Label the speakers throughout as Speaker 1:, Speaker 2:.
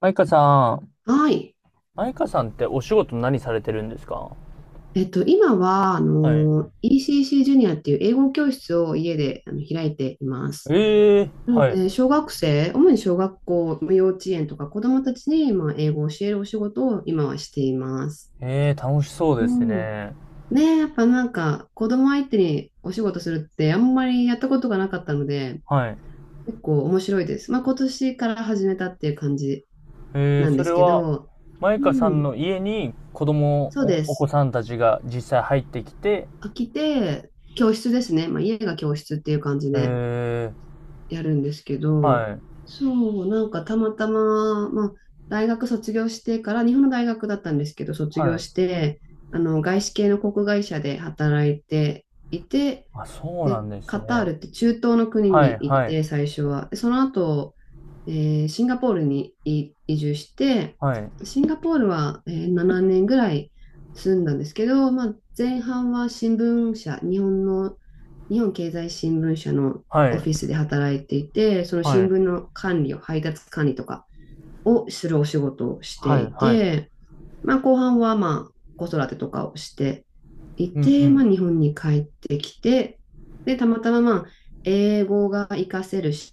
Speaker 1: マイカさん、
Speaker 2: はい。
Speaker 1: マイカさんってお仕事何されてるんですか？
Speaker 2: 今は、
Speaker 1: はい。
Speaker 2: ECC ジュニアっていう英語教室を家で開いています。
Speaker 1: ええ、
Speaker 2: なの
Speaker 1: はい。
Speaker 2: で、小学生、主に小学校、幼稚園とか子どもたちに、まあ、英語を教えるお仕事を今はしています。
Speaker 1: ええ、楽しそう
Speaker 2: う
Speaker 1: です
Speaker 2: ん。
Speaker 1: ね。
Speaker 2: ねえ、やっぱなんか、子ども相手にお仕事するってあんまりやったことがなかったので、
Speaker 1: はい。
Speaker 2: 結構面白いです。まあ、今年から始めたっていう感じ
Speaker 1: え
Speaker 2: な
Speaker 1: え、
Speaker 2: んで
Speaker 1: それ
Speaker 2: すけ
Speaker 1: は、
Speaker 2: ど、
Speaker 1: マイ
Speaker 2: う
Speaker 1: カさん
Speaker 2: ん、
Speaker 1: の家に子供、
Speaker 2: そうで
Speaker 1: お、お子
Speaker 2: す。
Speaker 1: さんたちが実際入ってきて、
Speaker 2: 飽きて、教室ですね。まあ、家が教室っていう感じで
Speaker 1: ええ、
Speaker 2: やるんですけど、
Speaker 1: はい、
Speaker 2: そう、なんかたまたま、まあ、大学卒業してから、日本の大学だったんですけど、卒
Speaker 1: は
Speaker 2: 業し
Speaker 1: い。
Speaker 2: て、外資系の航空会社で働いていて、
Speaker 1: あ、そうな
Speaker 2: で、
Speaker 1: んです
Speaker 2: カター
Speaker 1: ね。
Speaker 2: ルって中東の国
Speaker 1: は
Speaker 2: に
Speaker 1: い、
Speaker 2: 行っ
Speaker 1: はい、
Speaker 2: て、最初は。でその後、えシンガポールに移住して、
Speaker 1: はい、
Speaker 2: シンガポールは、7年ぐらい住んだんですけど、まあ、前半は新聞社、日本の、日本経済新聞社の
Speaker 1: は
Speaker 2: オ
Speaker 1: い、
Speaker 2: フィスで働いていて、その
Speaker 1: は
Speaker 2: 新
Speaker 1: い、
Speaker 2: 聞の管理を、配達管理とかをするお仕事をし
Speaker 1: は
Speaker 2: て
Speaker 1: い、
Speaker 2: い
Speaker 1: はい。
Speaker 2: て、まあ、後半はまあ子育てとかをしてい
Speaker 1: う
Speaker 2: て、ま
Speaker 1: ん、
Speaker 2: あ、日本に帰ってきて、で、たまたままあ英語が活かせる仕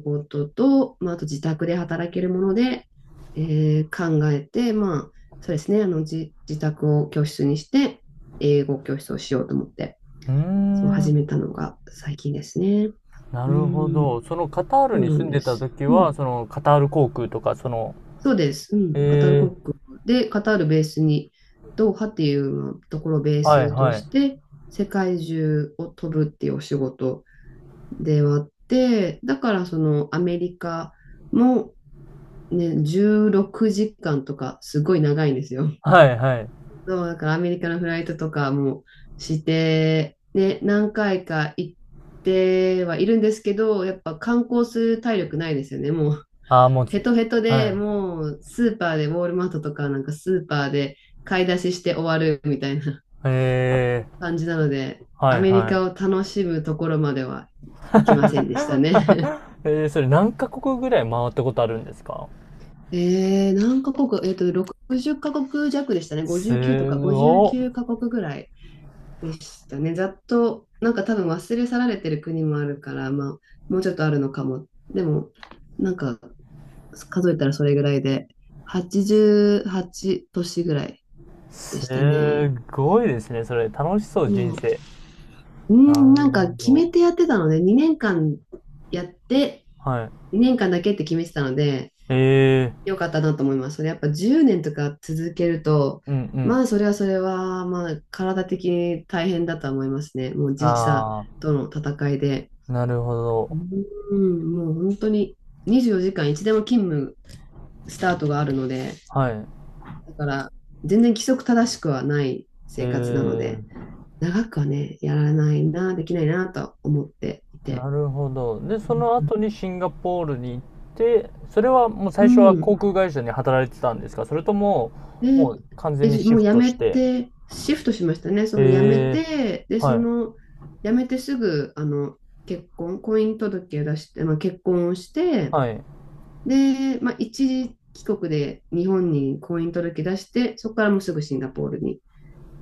Speaker 2: 事と、まあ、あと自宅で働けるもので、考えて、まあ、そうですね、自宅を教室にして、英語教室をしようと思って、
Speaker 1: う
Speaker 2: そう
Speaker 1: ん。うー
Speaker 2: 始
Speaker 1: ん、
Speaker 2: めたのが最近ですね。
Speaker 1: な
Speaker 2: う
Speaker 1: るほ
Speaker 2: ん、
Speaker 1: ど。そのカター
Speaker 2: そ
Speaker 1: ル
Speaker 2: う
Speaker 1: に
Speaker 2: な
Speaker 1: 住
Speaker 2: ん
Speaker 1: んで
Speaker 2: で
Speaker 1: た
Speaker 2: す。
Speaker 1: 時
Speaker 2: うん。
Speaker 1: は、そのカタール航空とか、その、
Speaker 2: そうです。うん。カタール
Speaker 1: え
Speaker 2: 国
Speaker 1: え、
Speaker 2: で、カタールベースに、ドーハっていうところをベー
Speaker 1: はい、
Speaker 2: スと
Speaker 1: は
Speaker 2: し
Speaker 1: い。
Speaker 2: て、世界中を飛ぶっていうお仕事ではあって、だからそのアメリカもね、16時間とかすごい長いんですよ。
Speaker 1: はい、はい。
Speaker 2: そう、だからアメリカのフライトとかもして、ね、何回か行ってはいるんですけど、やっぱ観光する体力ないですよね、もう。
Speaker 1: ああ、もう
Speaker 2: ヘ
Speaker 1: つ、
Speaker 2: トヘトで
Speaker 1: は
Speaker 2: もうスーパーでウォールマートとかなんかスーパーで買い出しして終わるみたいな
Speaker 1: い。へえ、
Speaker 2: 感じなので、
Speaker 1: は
Speaker 2: ア
Speaker 1: い、
Speaker 2: メリ
Speaker 1: は
Speaker 2: カを
Speaker 1: い。
Speaker 2: 楽しむところまでは行きませんでしたね。
Speaker 1: それ何カ国ぐらい回ったことあるんですか？
Speaker 2: 何カ国、60カ国弱でしたね。59と
Speaker 1: す
Speaker 2: か
Speaker 1: ご、
Speaker 2: 59カ国ぐらいでしたね。ざっと、なんか多分忘れ去られてる国もあるから、まあ、もうちょっとあるのかも。でも、なんか数えたらそれぐらいで、88都市ぐらいで
Speaker 1: す
Speaker 2: したね。
Speaker 1: ごいですね。それ楽しそ
Speaker 2: で
Speaker 1: う、人
Speaker 2: も、
Speaker 1: 生。
Speaker 2: う
Speaker 1: な
Speaker 2: ん、な
Speaker 1: る
Speaker 2: ん
Speaker 1: ほ
Speaker 2: か決めて
Speaker 1: ど。
Speaker 2: やってたので、2年間やって、
Speaker 1: はい。
Speaker 2: 2年間だけって決めてたので、
Speaker 1: ええ、
Speaker 2: よかったなと思います。それやっぱ10年とか続けると、
Speaker 1: うん、う
Speaker 2: ま
Speaker 1: ん。
Speaker 2: あそれはそれは、まあ体的に大変だとは思いますね。もう時差
Speaker 1: あ
Speaker 2: との戦いで。
Speaker 1: あ、なるほど。
Speaker 2: うん、もう本当に24時間いつでも勤務スタートがあるので、
Speaker 1: はい。
Speaker 2: だから全然規則正しくはない
Speaker 1: え
Speaker 2: 生活なので。
Speaker 1: え。
Speaker 2: 長くはね、やらないな、できないなと思ってい
Speaker 1: な
Speaker 2: て。
Speaker 1: るほど。で、その後にシンガポールに行って、それはもう
Speaker 2: う
Speaker 1: 最初は
Speaker 2: ん。
Speaker 1: 航空会社に働いてたんですか？それとも、も
Speaker 2: で、
Speaker 1: う完全にシ
Speaker 2: もう
Speaker 1: フ
Speaker 2: 辞
Speaker 1: トし
Speaker 2: め
Speaker 1: て。
Speaker 2: て、シフトしましたね。その辞め
Speaker 1: ええ、
Speaker 2: て、で、
Speaker 1: は
Speaker 2: そ
Speaker 1: い。
Speaker 2: の辞めてすぐ、結婚、婚姻届を出して、まあ、結婚をして、
Speaker 1: はい。う
Speaker 2: で、まあ、一時帰国で日本に婚姻届出して、そこからもうすぐシンガポールに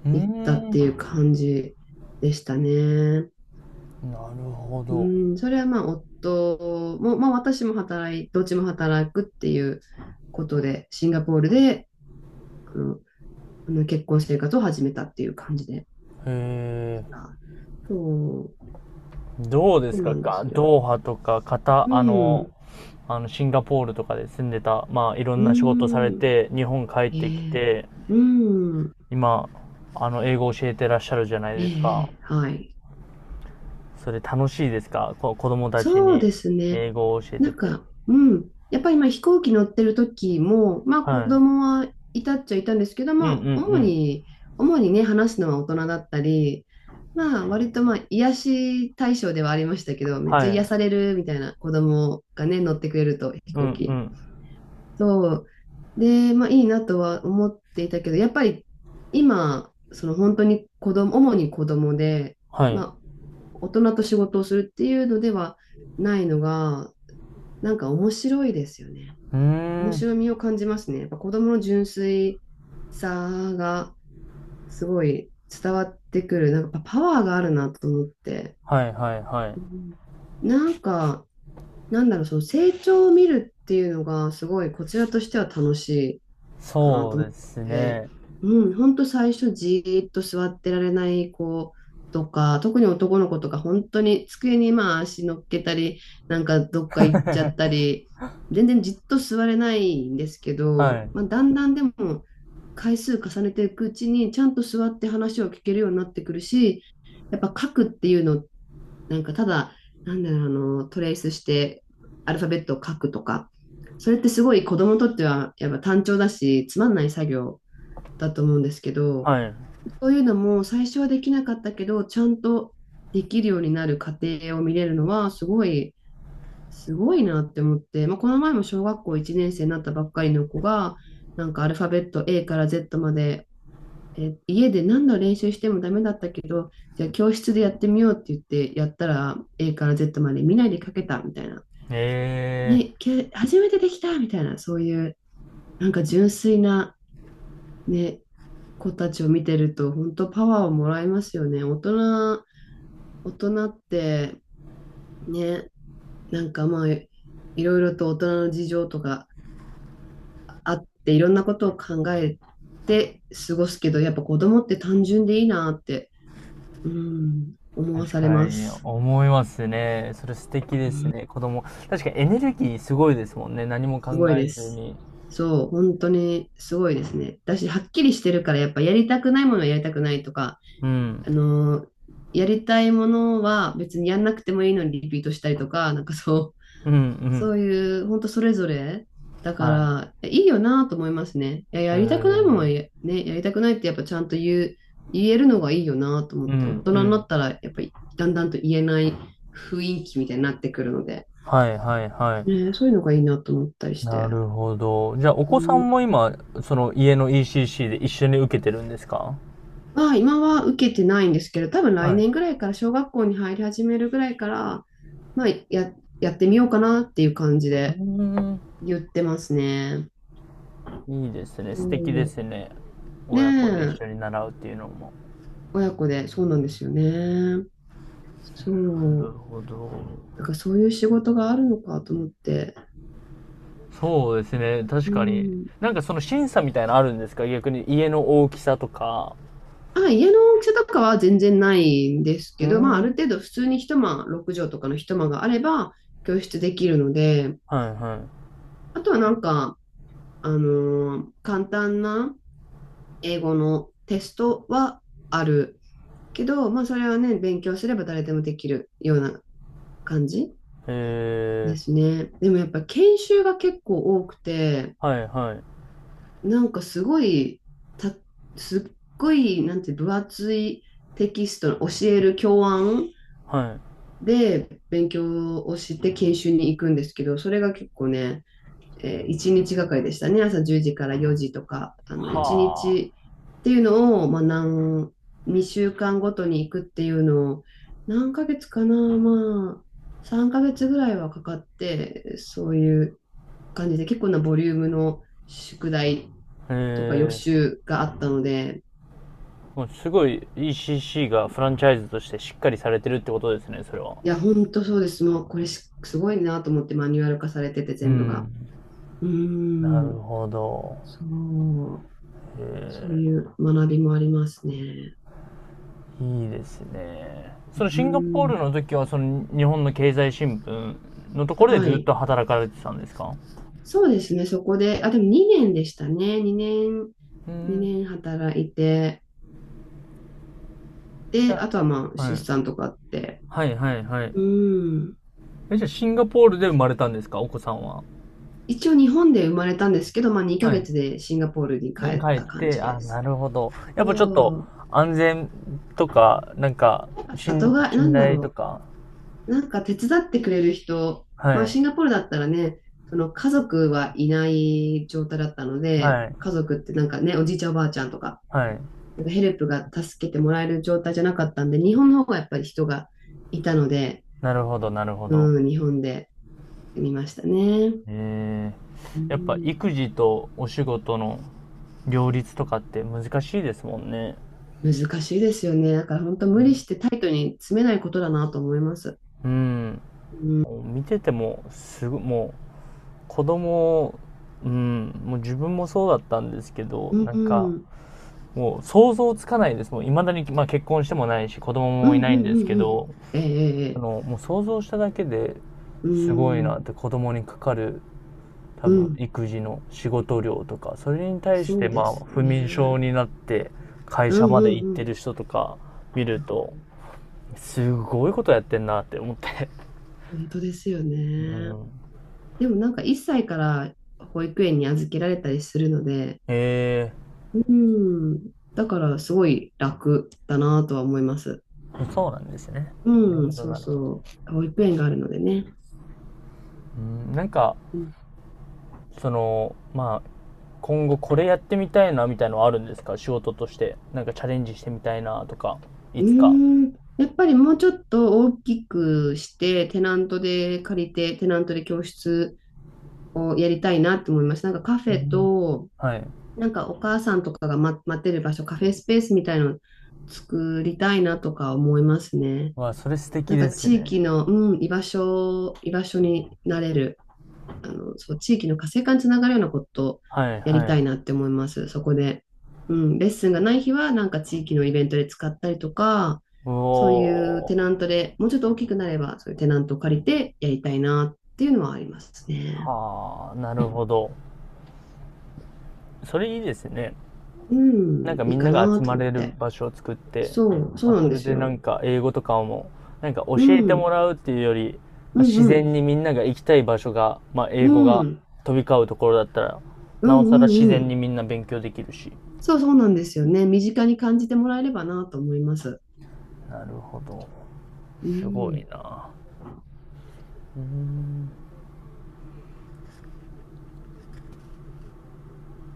Speaker 1: ー
Speaker 2: 行った
Speaker 1: ん。
Speaker 2: っ
Speaker 1: な
Speaker 2: て
Speaker 1: る
Speaker 2: いう感じでしたね。
Speaker 1: ほ
Speaker 2: う
Speaker 1: ど。
Speaker 2: ん、それはまあ夫も、まあ私もどっちも働くっていうことで、シンガポールで、あの、あの結婚生活を始めたっていう感じで。
Speaker 1: へえ。
Speaker 2: あそう、
Speaker 1: どうで
Speaker 2: そ
Speaker 1: す
Speaker 2: う
Speaker 1: か
Speaker 2: なんで
Speaker 1: か、
Speaker 2: すよ。
Speaker 1: ドーハとか、
Speaker 2: う
Speaker 1: あの、
Speaker 2: ん、
Speaker 1: あの、シンガポールとかで住んでた、まあ、いろ
Speaker 2: う
Speaker 1: んな仕事され
Speaker 2: ん、
Speaker 1: て、日本帰っ
Speaker 2: え
Speaker 1: てき
Speaker 2: え、
Speaker 1: て、
Speaker 2: うん、
Speaker 1: 今、あの、英語教えてらっしゃるじゃない
Speaker 2: え
Speaker 1: ですか。
Speaker 2: え、はい。
Speaker 1: それ楽しいですか？子供たち
Speaker 2: そう
Speaker 1: に
Speaker 2: ですね。
Speaker 1: 英語を教え
Speaker 2: な
Speaker 1: て
Speaker 2: ん
Speaker 1: て。
Speaker 2: か、うん。やっぱりまあ飛行機乗ってる時も、まあ子
Speaker 1: はい。
Speaker 2: 供はいたっちゃいたんですけど、
Speaker 1: うん、
Speaker 2: ま
Speaker 1: うん、う
Speaker 2: あ
Speaker 1: ん。
Speaker 2: 主にね、話すのは大人だったり、まあ割とまあ癒し対象ではありましたけど、めっち
Speaker 1: は
Speaker 2: ゃ癒
Speaker 1: い。
Speaker 2: されるみたいな子供がね、乗ってくれると飛
Speaker 1: う
Speaker 2: 行
Speaker 1: ん、う
Speaker 2: 機。
Speaker 1: ん。
Speaker 2: そう。で、まあいいなとは思っていたけど、やっぱり今、その本当に子供、主に子供で、
Speaker 1: はい。う
Speaker 2: まあ大人と仕事をするっていうのではないのが、なんか面白いですよね。
Speaker 1: ー
Speaker 2: 面
Speaker 1: ん。
Speaker 2: 白みを感じますね。やっぱ子供の純粋さがすごい伝わってくる。なんかやっぱパワーがあるなと思って。
Speaker 1: はい、はい、はい。
Speaker 2: うん。なんか、なんだろう、その成長を見るっていうのがすごいこちらとしては楽しいかな
Speaker 1: そう
Speaker 2: と思っ
Speaker 1: です
Speaker 2: て、
Speaker 1: ね。
Speaker 2: うん、ほんと最初じーっと座ってられない子とか、特に男の子とか本当に机にまあ足乗っけたり、なんかどっか行っちゃった り、全然じっと座れないんですけ
Speaker 1: は
Speaker 2: ど、
Speaker 1: い。
Speaker 2: まあ、だんだんでも回数重ねていくうちにちゃんと座って話を聞けるようになってくるし、やっぱ書くっていうのなんかただ、なんだろう、トレースしてアルファベットを書くとか、それってすごい子供にとってはやっぱ単調だし、つまんない作業だと思うんですけど、
Speaker 1: はい。
Speaker 2: そういうのも最初はできなかったけど、ちゃんとできるようになる過程を見れるのは、すごいなって思って、まあ、この前も小学校1年生になったばっかりの子が、なんかアルファベット A から Z まで家で何度練習してもダメだったけど、じゃあ教室でやってみようって言ってやったら A から Z まで見ないで書けたみたいな。
Speaker 1: ええー。
Speaker 2: 初めてできたみたいな、そういうなんか純粋な、ね、子たちを見てると本当パワーをもらいますよね。大人ってね、なんかまあいろいろと大人の事情とかあっていろんなことを考えて過ごすけど、やっぱ子供って単純でいいなって、うん、思わ
Speaker 1: 確
Speaker 2: され
Speaker 1: か
Speaker 2: ま
Speaker 1: に
Speaker 2: す。
Speaker 1: 思いますね。それ素敵ですね、子供。確かにエネルギーすごいですもんね。何も
Speaker 2: す
Speaker 1: 考
Speaker 2: ごい
Speaker 1: え
Speaker 2: で
Speaker 1: ず
Speaker 2: す。
Speaker 1: に。
Speaker 2: そう、本当にすごいですね。私、はっきりしてるから、やっぱやりたくないものはやりたくないとか、
Speaker 1: う
Speaker 2: あ
Speaker 1: ん。
Speaker 2: のーやりたいものは別にやんなくてもいいのにリピートしたりとか、なんかそう、
Speaker 1: うん、う
Speaker 2: そ
Speaker 1: ん。
Speaker 2: ういう、本当それぞれ、だ
Speaker 1: は
Speaker 2: から、いいよなと思いますね。いや、
Speaker 1: い。
Speaker 2: やりたくないものはやりたくないってやっぱちゃんと言えるのがいいよなと思
Speaker 1: う
Speaker 2: って、大
Speaker 1: ん、う
Speaker 2: 人にな
Speaker 1: ん。
Speaker 2: ったら、やっぱりだんだんと言えない雰囲気みたいになってくるので、
Speaker 1: はい、はい、はい。
Speaker 2: ね、そういうのがいいなと思ったりし
Speaker 1: な
Speaker 2: て。
Speaker 1: るほど。じゃあ、お
Speaker 2: う
Speaker 1: 子さ
Speaker 2: ん。
Speaker 1: んも今、その家の ECC で一緒に受けてるんですか？
Speaker 2: は、今は受けてないんですけど、多分
Speaker 1: は
Speaker 2: 来
Speaker 1: い。
Speaker 2: 年ぐらいから小学校に入り始めるぐらいから、まあ、やってみようかなっていう感じ
Speaker 1: うー
Speaker 2: で
Speaker 1: ん、
Speaker 2: 言ってますね。
Speaker 1: いいですね。素敵で
Speaker 2: そ
Speaker 1: すね。
Speaker 2: う。ね
Speaker 1: 親子で一
Speaker 2: え、
Speaker 1: 緒に習うっていうのも。
Speaker 2: 親子で、そうなんですよね。
Speaker 1: なる
Speaker 2: そう。
Speaker 1: ほど。
Speaker 2: なんかそういう仕事があるのかと思って。
Speaker 1: そうですね。確
Speaker 2: う
Speaker 1: かに。
Speaker 2: ん。
Speaker 1: なんかその審査みたいなのあるんですか？逆に家の大きさとか。
Speaker 2: あ、家の大きさとかは全然ないんです
Speaker 1: うー
Speaker 2: けど、まあ、
Speaker 1: ん。
Speaker 2: あ
Speaker 1: は
Speaker 2: る程度普通に一間、六畳とかの一間があれば教室できるので、
Speaker 1: い、は
Speaker 2: あとはなんか、あの簡単な英語のテストはあるけど、まあ、それはね、勉強すれば誰でもできるような感じ
Speaker 1: い。
Speaker 2: で
Speaker 1: へえ
Speaker 2: すね。でもやっぱ研修が結構多くて、
Speaker 1: ー、はい、はい。
Speaker 2: なんかすごい、た、すっごい、なんて分厚いテキストの教える教案
Speaker 1: はい。
Speaker 2: で勉強をして研修に行くんですけど、それが結構ね、1日がかりでしたね。朝10時から4時とか、あの1
Speaker 1: は
Speaker 2: 日っていうのを、まあ、何、2週間ごとに行くっていうのを、何ヶ月かな、まあ、3ヶ月ぐらいはかかって、そういう感じで結構なボリュームの宿題
Speaker 1: あ。
Speaker 2: とか予
Speaker 1: へえ
Speaker 2: 習があったので。
Speaker 1: ー、もうすごい ECC がフランチャイズとしてしっかりされてるってことですね、それは。
Speaker 2: いや、本当そうです。もうこれしすごいなと思ってマニュアル化されてて
Speaker 1: う
Speaker 2: 全部が。
Speaker 1: ん。
Speaker 2: うー
Speaker 1: なる
Speaker 2: ん、
Speaker 1: ほど。
Speaker 2: そう、そう
Speaker 1: え
Speaker 2: いう学びもありますね。
Speaker 1: いいですね。
Speaker 2: う
Speaker 1: そのシンガポー
Speaker 2: ん、
Speaker 1: ルの時は、その日本の経済新聞のところで
Speaker 2: は
Speaker 1: ずっ
Speaker 2: い。
Speaker 1: と働かれてたんですか？
Speaker 2: そうですね、そこで、あ、でも2年でしたね。2年、
Speaker 1: うん。
Speaker 2: 2年働いて、
Speaker 1: じ
Speaker 2: で、
Speaker 1: ゃ
Speaker 2: あとはまあ、
Speaker 1: あ、は
Speaker 2: 出
Speaker 1: い。
Speaker 2: 産とかあって。
Speaker 1: はい、はい、は
Speaker 2: う
Speaker 1: い。
Speaker 2: ん。
Speaker 1: え、じゃあシンガポールで生まれたんですか？お子さんは。
Speaker 2: 一応日本で生まれたんですけど、まあ2
Speaker 1: は
Speaker 2: ヶ
Speaker 1: い。
Speaker 2: 月でシンガポールに帰
Speaker 1: 家に
Speaker 2: っ
Speaker 1: 帰っ
Speaker 2: た感
Speaker 1: て、
Speaker 2: じで
Speaker 1: あ、な
Speaker 2: す。
Speaker 1: るほど。やっぱちょっと
Speaker 2: そう。
Speaker 1: 安全とか、なんか、
Speaker 2: やっぱ里が、な
Speaker 1: 信
Speaker 2: んだ
Speaker 1: 頼と
Speaker 2: ろ
Speaker 1: か。
Speaker 2: う。なんか手伝ってくれる人、
Speaker 1: は
Speaker 2: まあシ
Speaker 1: い。
Speaker 2: ンガポールだったらね、その家族はいない状態だったので、
Speaker 1: はい。
Speaker 2: 家族ってなんかね、おじいちゃんおばあちゃんとか、
Speaker 1: はい。
Speaker 2: なんかヘルプが助けてもらえる状態じゃなかったんで、日本の方がやっぱり人がいたので、
Speaker 1: なるほど、なるほど。
Speaker 2: うん、日本で見ましたね。
Speaker 1: え
Speaker 2: う
Speaker 1: やっぱ
Speaker 2: ん、
Speaker 1: 育児とお仕事の両立とかって難しいですもんね。
Speaker 2: 難しいですよね。だから本当無理してタイトに詰めないことだなと思います。
Speaker 1: うん。見てても、すごもう、子供、うん、もう自分もそうだったんですけど、
Speaker 2: うん、
Speaker 1: なんか、
Speaker 2: うん、
Speaker 1: もう想像つかないです。もう未だに、まあ結婚してもないし、子供
Speaker 2: う
Speaker 1: もい
Speaker 2: んう
Speaker 1: ない
Speaker 2: ん
Speaker 1: ん
Speaker 2: う
Speaker 1: で
Speaker 2: ん
Speaker 1: すけ
Speaker 2: うんうん、
Speaker 1: ど、
Speaker 2: えええ
Speaker 1: あ
Speaker 2: え、
Speaker 1: の、もう想像しただけで
Speaker 2: う
Speaker 1: すごい
Speaker 2: ん、
Speaker 1: なって、子供にかかる多
Speaker 2: う
Speaker 1: 分
Speaker 2: ん、
Speaker 1: 育児の仕事量とか、それに対し
Speaker 2: そ
Speaker 1: て
Speaker 2: う
Speaker 1: ま
Speaker 2: です
Speaker 1: あ
Speaker 2: よ
Speaker 1: 不
Speaker 2: ね。う
Speaker 1: 眠症
Speaker 2: ん
Speaker 1: になって会
Speaker 2: う
Speaker 1: 社まで
Speaker 2: ん
Speaker 1: 行っ
Speaker 2: う
Speaker 1: て
Speaker 2: ん。
Speaker 1: る人とか見ると、すごいことやってんなって思って。
Speaker 2: 本当ですよ
Speaker 1: う
Speaker 2: ね。
Speaker 1: ん。
Speaker 2: でもなんか1歳から保育園に預けられたりするので、
Speaker 1: え
Speaker 2: うん。だから、すごい楽だなとは思います。
Speaker 1: そうなんですね。なる
Speaker 2: う
Speaker 1: ほ
Speaker 2: ん、
Speaker 1: ど、
Speaker 2: そう
Speaker 1: なるほど。
Speaker 2: そう。保育園があるのでね。
Speaker 1: うん。なんか
Speaker 2: うん。
Speaker 1: そのまあ今後これやってみたいなみたいのはあるんですか？仕事としてなんかチャレンジしてみたいなとか、い
Speaker 2: う
Speaker 1: つか。
Speaker 2: ーん、やっぱりもうちょっと大きくして、テナントで借りて、テナントで教室をやりたいなって思います。なんかカフ
Speaker 1: う
Speaker 2: ェ
Speaker 1: ん。
Speaker 2: と、
Speaker 1: はい。
Speaker 2: なんかお母さんとかが、待ってる場所、カフェスペースみたいの作りたいなとか思いますね。
Speaker 1: わあ、それ素敵
Speaker 2: なんか
Speaker 1: です
Speaker 2: 地
Speaker 1: ね。
Speaker 2: 域の、うん、居場所、居場所になれる。あの、そう、地域の活性化につながるようなことを
Speaker 1: はい、
Speaker 2: やり
Speaker 1: は
Speaker 2: たい
Speaker 1: い。
Speaker 2: なって思います。そこで。うん、レッスンがない日は、なんか地域のイベントで使ったりとか、
Speaker 1: う
Speaker 2: そういうテ
Speaker 1: お。
Speaker 2: ナントで、もうちょっと大きくなれば、そういうテナントを借りてやりたいなっていうのはありますね。
Speaker 1: はあ、なるほど。それいいですね。
Speaker 2: う
Speaker 1: なん
Speaker 2: ん、
Speaker 1: か
Speaker 2: い
Speaker 1: み
Speaker 2: い
Speaker 1: ん
Speaker 2: か
Speaker 1: なが
Speaker 2: な
Speaker 1: 集
Speaker 2: と
Speaker 1: ま
Speaker 2: 思っ
Speaker 1: れる
Speaker 2: て。
Speaker 1: 場所を作って、
Speaker 2: そう、そ
Speaker 1: まあ、
Speaker 2: うな
Speaker 1: そ
Speaker 2: んで
Speaker 1: れ
Speaker 2: す
Speaker 1: でな
Speaker 2: よ。
Speaker 1: んか英語とかも、なんか教
Speaker 2: う
Speaker 1: え
Speaker 2: ん、
Speaker 1: て
Speaker 2: う
Speaker 1: も
Speaker 2: ん、
Speaker 1: らうっていうより、まあ、
Speaker 2: う
Speaker 1: 自
Speaker 2: ん、
Speaker 1: 然にみんなが行きたい場所が、まあ、英
Speaker 2: う
Speaker 1: 語が
Speaker 2: ん、
Speaker 1: 飛び交うところだったら、
Speaker 2: う
Speaker 1: な
Speaker 2: ん、
Speaker 1: お
Speaker 2: う
Speaker 1: さら自
Speaker 2: ん、う
Speaker 1: 然
Speaker 2: ん。
Speaker 1: にみんな勉強できるし。
Speaker 2: そう、そうなんですよね。身近に感じてもらえればなと思います。
Speaker 1: なるほど。
Speaker 2: う
Speaker 1: すご
Speaker 2: ん。
Speaker 1: いな。